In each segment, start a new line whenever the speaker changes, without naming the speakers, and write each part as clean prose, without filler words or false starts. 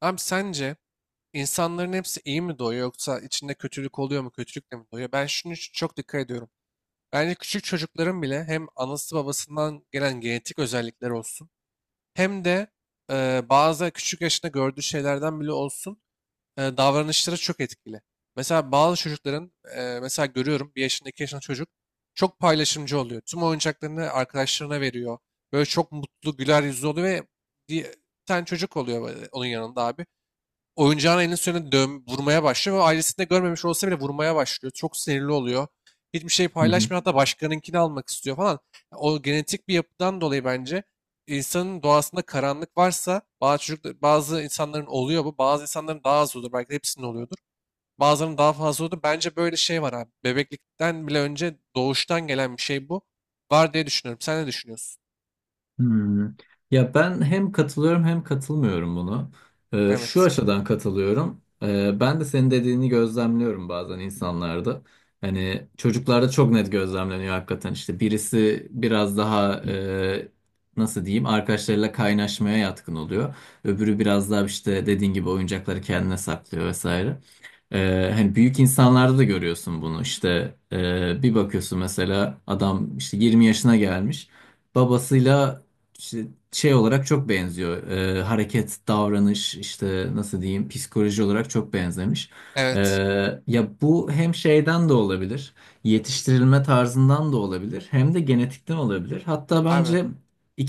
Abi sence insanların hepsi iyi mi doğuyor yoksa içinde kötülük oluyor mu kötülükle mi doğuyor? Ben şunu çok dikkat ediyorum. Bence küçük çocukların bile hem anası babasından gelen genetik özellikler olsun hem de bazı küçük yaşında gördüğü şeylerden bile olsun, davranışları çok etkili. Mesela bazı çocukların, mesela görüyorum 1 yaşında 2 yaşında çocuk çok paylaşımcı oluyor. Tüm oyuncaklarını arkadaşlarına veriyor. Böyle çok mutlu güler yüzlü oluyor ve bir bir tane çocuk oluyor böyle onun yanında abi oyuncağın elinin üstüne dön, vurmaya başlıyor ve ailesinde görmemiş olsa bile vurmaya başlıyor. Çok sinirli oluyor. Hiçbir şey
Hı hı.
paylaşmıyor, hatta başkanınkini almak istiyor falan. O genetik bir yapıdan dolayı bence insanın doğasında karanlık varsa, bazı çocuklar, bazı insanların oluyor bu. Bazı insanların daha az olur. Belki de hepsinin oluyordur. Bazılarının daha fazla olur. Bence böyle şey var abi. Bebeklikten bile önce doğuştan gelen bir şey bu. Var diye düşünüyorum. Sen ne düşünüyorsun?
Hmm. Ya ben hem katılıyorum hem katılmıyorum bunu. Şu
Evet.
açıdan katılıyorum. Ben de senin dediğini gözlemliyorum bazen insanlarda. Hani çocuklarda çok net gözlemleniyor hakikaten. İşte birisi biraz daha nasıl diyeyim, arkadaşlarıyla kaynaşmaya yatkın oluyor. Öbürü biraz daha işte dediğin gibi oyuncakları kendine saklıyor vesaire. Hani büyük insanlarda da görüyorsun bunu, işte bir bakıyorsun, mesela adam işte 20 yaşına gelmiş, babasıyla işte şey olarak çok benziyor. Hareket, davranış, işte nasıl diyeyim, psikoloji olarak çok benzemiş. Ee,
Evet.
ya bu hem şeyden de olabilir, yetiştirilme tarzından da olabilir, hem de genetikten olabilir. Hatta
Abi
bence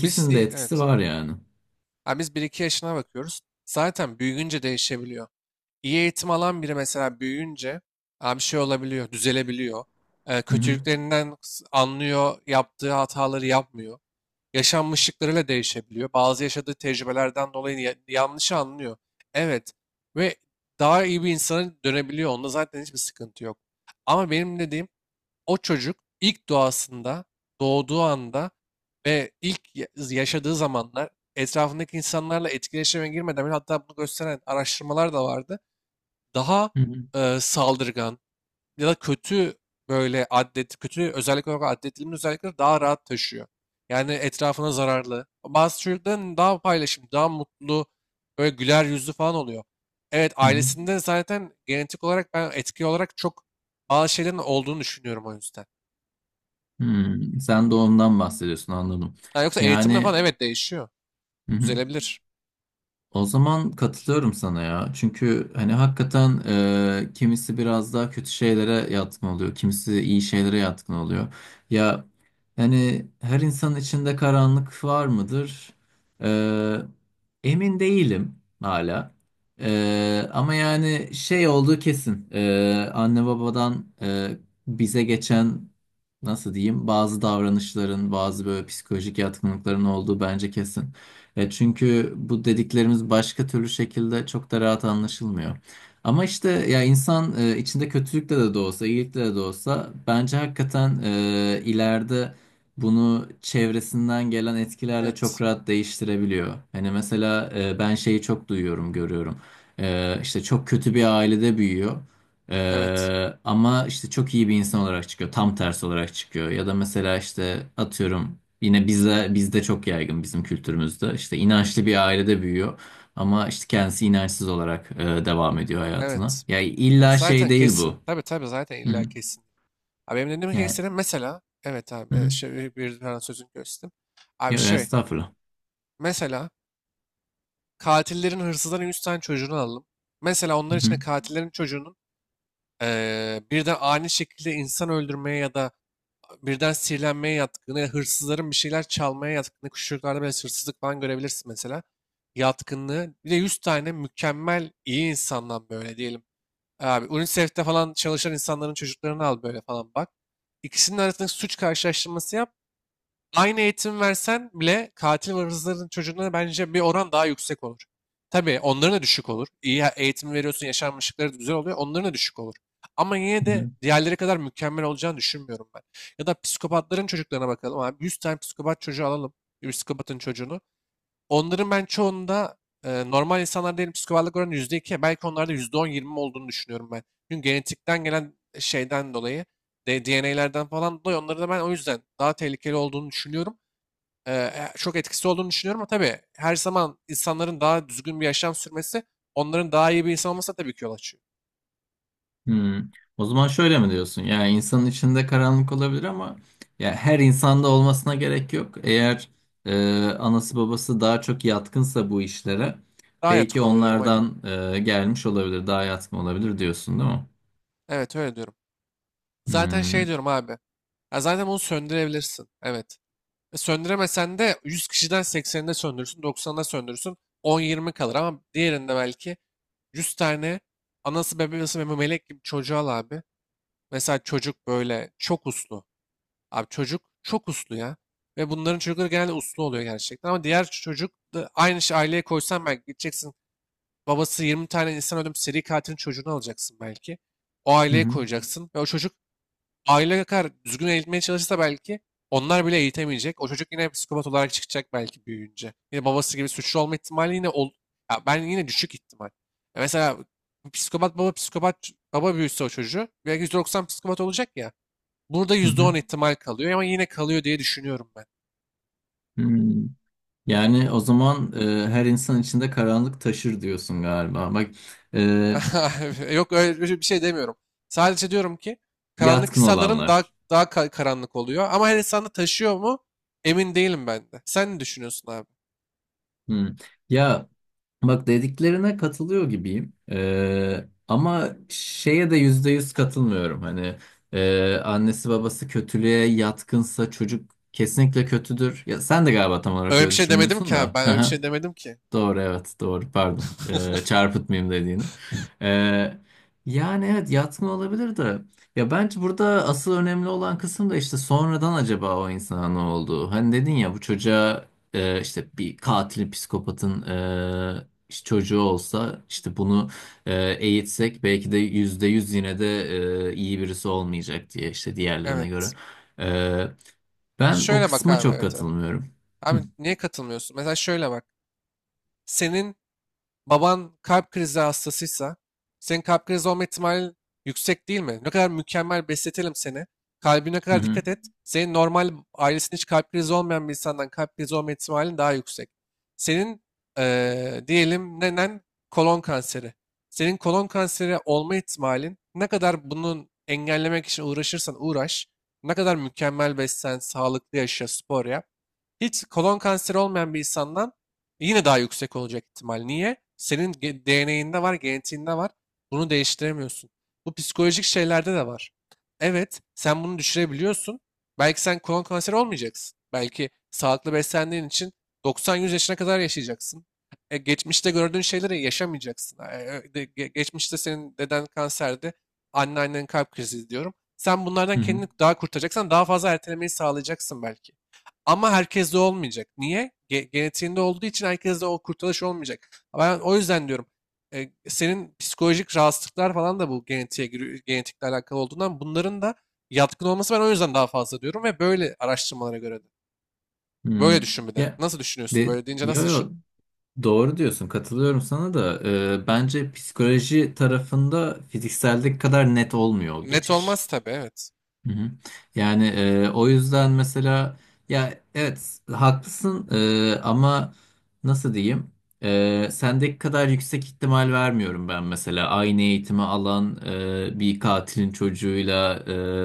biz
de etkisi
evet.
var yani.
Ha, biz 1-2 yaşına bakıyoruz. Zaten büyüyünce değişebiliyor. İyi eğitim alan biri mesela büyüyünce ha, bir şey olabiliyor, düzelebiliyor.
Hı hı,
Kötülüklerinden anlıyor, yaptığı hataları yapmıyor. Yaşanmışlıklarıyla değişebiliyor. Bazı yaşadığı tecrübelerden dolayı yanlış anlıyor. Evet, ve daha iyi bir insana dönebiliyor. Onda zaten hiçbir sıkıntı yok. Ama benim dediğim o çocuk ilk doğasında, doğduğu anda ve ilk yaşadığı zamanlar, etrafındaki insanlarla etkileşime girmeden bile hatta bunu gösteren araştırmalar da vardı. Daha
hı hı,
saldırgan ya da kötü, böyle adet, kötü özellik olarak addedilmiş özellikleri daha rahat taşıyor. Yani etrafına zararlı. Bazı çocukların daha paylaşım, daha mutlu, böyle güler yüzlü falan oluyor. Evet,
hı hı.
ailesinde zaten genetik olarak ben etki olarak çok bazı şeylerin olduğunu düşünüyorum o yüzden.
Hmm, sen doğumdan bahsediyorsun, anladım.
Ha, yoksa eğitimle
Yani.
falan evet değişiyor.
Hı hı.
Düzelebilir.
O zaman katılıyorum sana ya. Çünkü hani hakikaten kimisi biraz daha kötü şeylere yatkın oluyor. Kimisi iyi şeylere yatkın oluyor. Ya hani her insanın içinde karanlık var mıdır? E, emin değilim hala. Ama yani şey olduğu kesin. Anne babadan bize geçen, nasıl diyeyim, bazı davranışların, bazı böyle psikolojik yatkınlıkların olduğu bence kesin. Çünkü bu dediklerimiz başka türlü şekilde çok da rahat anlaşılmıyor. Ama işte ya insan, içinde kötülükle de olsa, iyilikle de olsa bence hakikaten ileride bunu çevresinden gelen etkilerle çok
Evet.
rahat değiştirebiliyor. Hani mesela ben şeyi çok duyuyorum, görüyorum. E, işte çok kötü bir ailede büyüyor.
Evet.
Ama işte çok iyi bir insan olarak çıkıyor. Tam tersi olarak çıkıyor. Ya da mesela işte atıyorum, yine bizde çok yaygın, bizim kültürümüzde. İşte inançlı bir ailede büyüyor. Ama işte kendisi inançsız olarak devam ediyor hayatına.
Evet.
Ya
Ha,
illa şey
zaten
değil bu.
kesin. Tabii tabii, zaten
Hı
illa
hı.
kesin. Abi benim dediğim ki
Yani,
senin mesela evet
hı
abi
hı.
bir tane sözünü kestim. Abi
Ya, estağfurullah.
mesela katillerin hırsızların 100 tane çocuğunu alalım. Mesela onlar
Hı
için de
hı.
katillerin çocuğunun birden ani şekilde insan öldürmeye ya da birden sihirlenmeye yatkını, ya hırsızların bir şeyler çalmaya yatkını, küçükçuklarda böyle hırsızlık falan görebilirsin mesela. Yatkınlığı. Bir de 100 tane mükemmel iyi insandan böyle diyelim. Abi UNICEF'te falan çalışan insanların çocuklarını al böyle falan bak. İkisinin arasındaki suç karşılaştırması yap. Aynı eğitim versen bile katil ve hırsızların çocuğuna bence bir oran daha yüksek olur. Tabii onların da düşük olur. İyi eğitim veriyorsun, yaşanmışlıkları da güzel oluyor. Onların da düşük olur. Ama yine
Hı
de
hı.
diğerleri kadar mükemmel olacağını düşünmüyorum ben. Ya da psikopatların çocuklarına bakalım abi. 100 tane psikopat çocuğu alalım. Bir psikopatın çocuğunu. Onların ben çoğunda normal insanlar diyelim psikopatlık oranı %2. Belki onlarda %10-20 olduğunu düşünüyorum ben. Çünkü genetikten gelen şeyden dolayı, DNA'lerden falan dolayı onları da ben o yüzden daha tehlikeli olduğunu düşünüyorum, çok etkisi olduğunu düşünüyorum. Ama tabii her zaman insanların daha düzgün bir yaşam sürmesi, onların daha iyi bir insan olması tabii ki yol açıyor.
Hmm. O zaman şöyle mi diyorsun? Yani insanın içinde karanlık olabilir ama ya her insanda olmasına gerek yok. Eğer anası babası daha çok yatkınsa bu işlere,
Daha
belki
yatkın oluyor diyorum. Hmm. Aynen.
onlardan gelmiş olabilir, daha yatkın olabilir diyorsun, değil mi?
Evet, öyle diyorum. Zaten şey
Hmm.
diyorum abi. Ya, zaten bunu söndürebilirsin. Evet. Söndüremesen de 100 kişiden 80'inde söndürürsün, 90'da söndürürsün. 10-20 kalır ama diğerinde belki 100 tane anası bebeği nasıl melek gibi çocuğa al abi. Mesela çocuk böyle çok uslu. Abi çocuk çok uslu ya. Ve bunların çocukları genelde uslu oluyor gerçekten. Ama diğer çocuk da aynı şey aileye koysan belki gideceksin. Babası 20 tane insan öldürmüş seri katilin çocuğunu alacaksın belki. O
Hı
aileye
hı.
koyacaksın. Ve o çocuk aile kadar düzgün eğitmeye çalışsa belki onlar bile eğitemeyecek. O çocuk yine psikopat olarak çıkacak belki büyüyünce. Yine babası gibi suçlu olma ihtimali yine ol, ya ben yine düşük ihtimal. Ya mesela psikopat baba psikopat baba büyüse o çocuğu belki 190 psikopat olacak ya. Burada
Hı
yüzde
hı.
on ihtimal kalıyor ama yine kalıyor diye düşünüyorum ben.
Hmm. Yani o zaman her insan içinde karanlık taşır diyorsun galiba. Bak, e,
Yok, öyle bir şey demiyorum. Sadece diyorum ki karanlık
yatkın
insanların daha
olanlar.
daha ka- karanlık oluyor ama her insan da taşıyor mu emin değilim ben de. Sen ne düşünüyorsun abi?
Hmm. Ya, bak, dediklerine katılıyor gibiyim. Ama şeye de yüzde yüz katılmıyorum. Hani annesi babası kötülüğe yatkınsa çocuk kesinlikle kötüdür. Ya sen de galiba tam olarak
Öyle
öyle
bir şey demedim
düşünmüyorsun
ki abi.
da.
Ben öyle bir şey demedim ki.
Doğru, evet, doğru, pardon. Çarpıtmayayım dediğini. Ee, yani evet, yatma olabilir de ya bence burada asıl önemli olan kısım da işte sonradan acaba o insana ne oldu? Hani dedin ya, bu çocuğa işte bir katilin, psikopatın işte çocuğu olsa, işte bunu e, eğitsek belki de yüzde yüz yine de iyi birisi olmayacak diye, işte diğerlerine
Evet.
göre. Ee, ben o
Şöyle bak
kısma
abi,
çok
evet evet.
katılmıyorum. Hı
Abi niye katılmıyorsun? Mesela şöyle bak. Senin baban kalp krizi hastasıysa senin kalp krizi olma ihtimalin yüksek değil mi? Ne kadar mükemmel besletelim seni. Kalbine kadar
hı
dikkat et. Senin normal ailesinde hiç kalp krizi olmayan bir insandan kalp krizi olma ihtimalin daha yüksek. Senin diyelim nenen kolon kanseri. Senin kolon kanseri olma ihtimalin ne kadar bunun engellemek için uğraşırsan uğraş. Ne kadar mükemmel beslen, sağlıklı yaşa, spor yap. Hiç kolon kanseri olmayan bir insandan yine daha yüksek olacak ihtimal. Niye? Senin DNA'inde var, genetiğinde var. Bunu değiştiremiyorsun. Bu psikolojik şeylerde de var. Evet, sen bunu düşürebiliyorsun. Belki sen kolon kanseri olmayacaksın. Belki sağlıklı beslendiğin için 90-100 yaşına kadar yaşayacaksın. Geçmişte gördüğün şeyleri yaşamayacaksın. Geçmişte senin deden kanserdi, anneannen kalp krizi diyorum. Sen bunlardan
hı. Hı.
kendini daha kurtaracaksan daha fazla ertelemeyi sağlayacaksın belki. Ama herkeste olmayacak. Niye? Genetiğinde olduğu için herkeste o kurtuluş olmayacak. Ben o yüzden diyorum senin psikolojik rahatsızlıklar falan da bu genetiğe giriyor, genetikle alakalı olduğundan bunların da yatkın olması ben o yüzden daha fazla diyorum, ve böyle araştırmalara göre de.
Hmm.
Böyle düşün bir de.
Ya,
Nasıl düşünüyorsun?
de,
Böyle deyince
yo
nasıl düşün?
yo, doğru diyorsun, katılıyorum sana da. Bence psikoloji tarafında fizikseldeki kadar net olmuyor o
Net
geçiş.
olmaz tabii, evet.
Hı hı. Yani o yüzden mesela, ya evet haklısın ama nasıl diyeyim, sendeki kadar yüksek ihtimal vermiyorum ben mesela, aynı eğitimi alan bir katilin çocuğuyla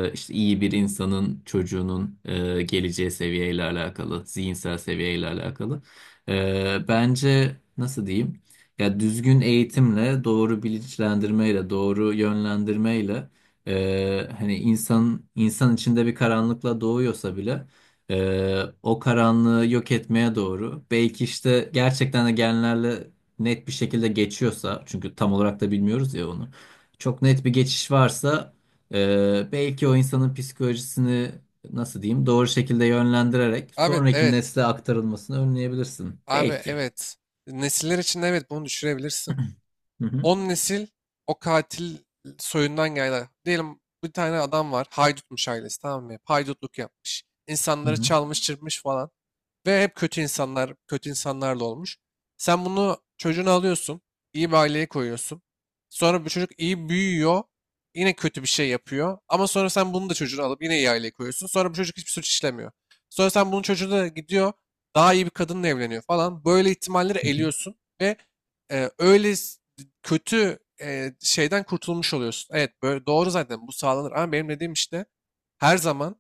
işte iyi bir insanın çocuğunun geleceği seviyeyle alakalı, zihinsel seviyeyle alakalı. Bence nasıl diyeyim, ya düzgün eğitimle, doğru bilinçlendirmeyle, doğru yönlendirmeyle, hani insan içinde bir karanlıkla doğuyorsa bile, o karanlığı yok etmeye doğru, belki işte gerçekten de genlerle net bir şekilde geçiyorsa, çünkü tam olarak da bilmiyoruz ya onu, çok net bir geçiş varsa, belki o insanın psikolojisini, nasıl diyeyim, doğru şekilde yönlendirerek
Abi
sonraki
evet.
nesle aktarılmasını önleyebilirsin
Abi
belki.
evet. Nesiller için evet bunu düşürebilirsin.
Hı hı,
10 nesil o katil soyundan geldi. Diyelim bir tane adam var. Haydutmuş ailesi, tamam mı? Hep haydutluk yapmış.
hı
İnsanları
hı,
çalmış, çırpmış falan. Ve hep kötü insanlar, kötü insanlarla olmuş. Sen bunu çocuğunu alıyorsun, iyi bir aileye koyuyorsun. Sonra bu çocuk iyi büyüyor, yine kötü bir şey yapıyor. Ama sonra sen bunu da çocuğunu alıp yine iyi aileye koyuyorsun. Sonra bu çocuk hiçbir suç işlemiyor. Sonra sen bunun çocuğu da gidiyor, daha iyi bir kadınla evleniyor falan. Böyle ihtimalleri
hı hı.
eliyorsun ve, öyle kötü şeyden kurtulmuş oluyorsun. Evet, böyle doğru zaten bu sağlanır, ama benim dediğim işte her zaman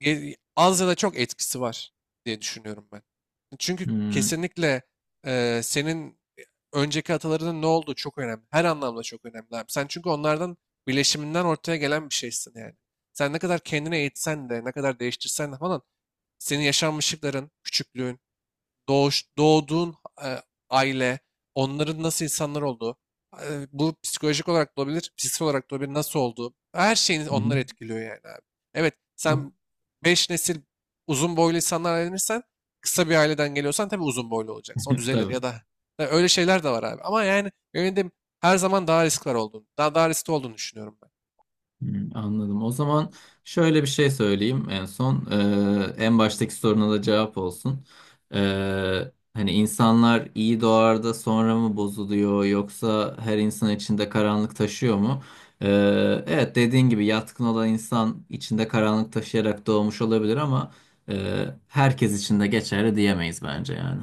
az ya da çok etkisi var diye düşünüyorum ben. Çünkü
Hmm,
kesinlikle senin önceki atalarının ne olduğu çok önemli. Her anlamda çok önemli abi. Sen çünkü onlardan, birleşiminden ortaya gelen bir şeysin yani. Sen ne kadar kendini eğitsen de, ne kadar değiştirsen de falan, senin yaşanmışlıkların, küçüklüğün, doğduğun e, aile, onların nasıl insanlar olduğu, bu psikolojik olarak da olabilir, psikolojik olarak da olabilir, nasıl olduğu, her şeyini
hı
onlar
hı.
etkiliyor yani abi. Evet,
Yok.
sen 5 nesil uzun boylu insanlar evlenirsen, kısa bir aileden geliyorsan tabii uzun boylu olacaksın. O düzelir
Tabii.
ya da, ya öyle şeyler de var abi. Ama yani benim dediğim her zaman daha risk var olduğunu, daha riskli olduğunu düşünüyorum ben.
Hmm, anladım. O zaman şöyle bir şey söyleyeyim en son. En baştaki soruna da cevap olsun. Hani insanlar iyi doğar da sonra mı bozuluyor, yoksa her insan içinde karanlık taşıyor mu? Evet, dediğin gibi yatkın olan insan içinde karanlık taşıyarak doğmuş olabilir ama herkes için de geçerli diyemeyiz bence yani.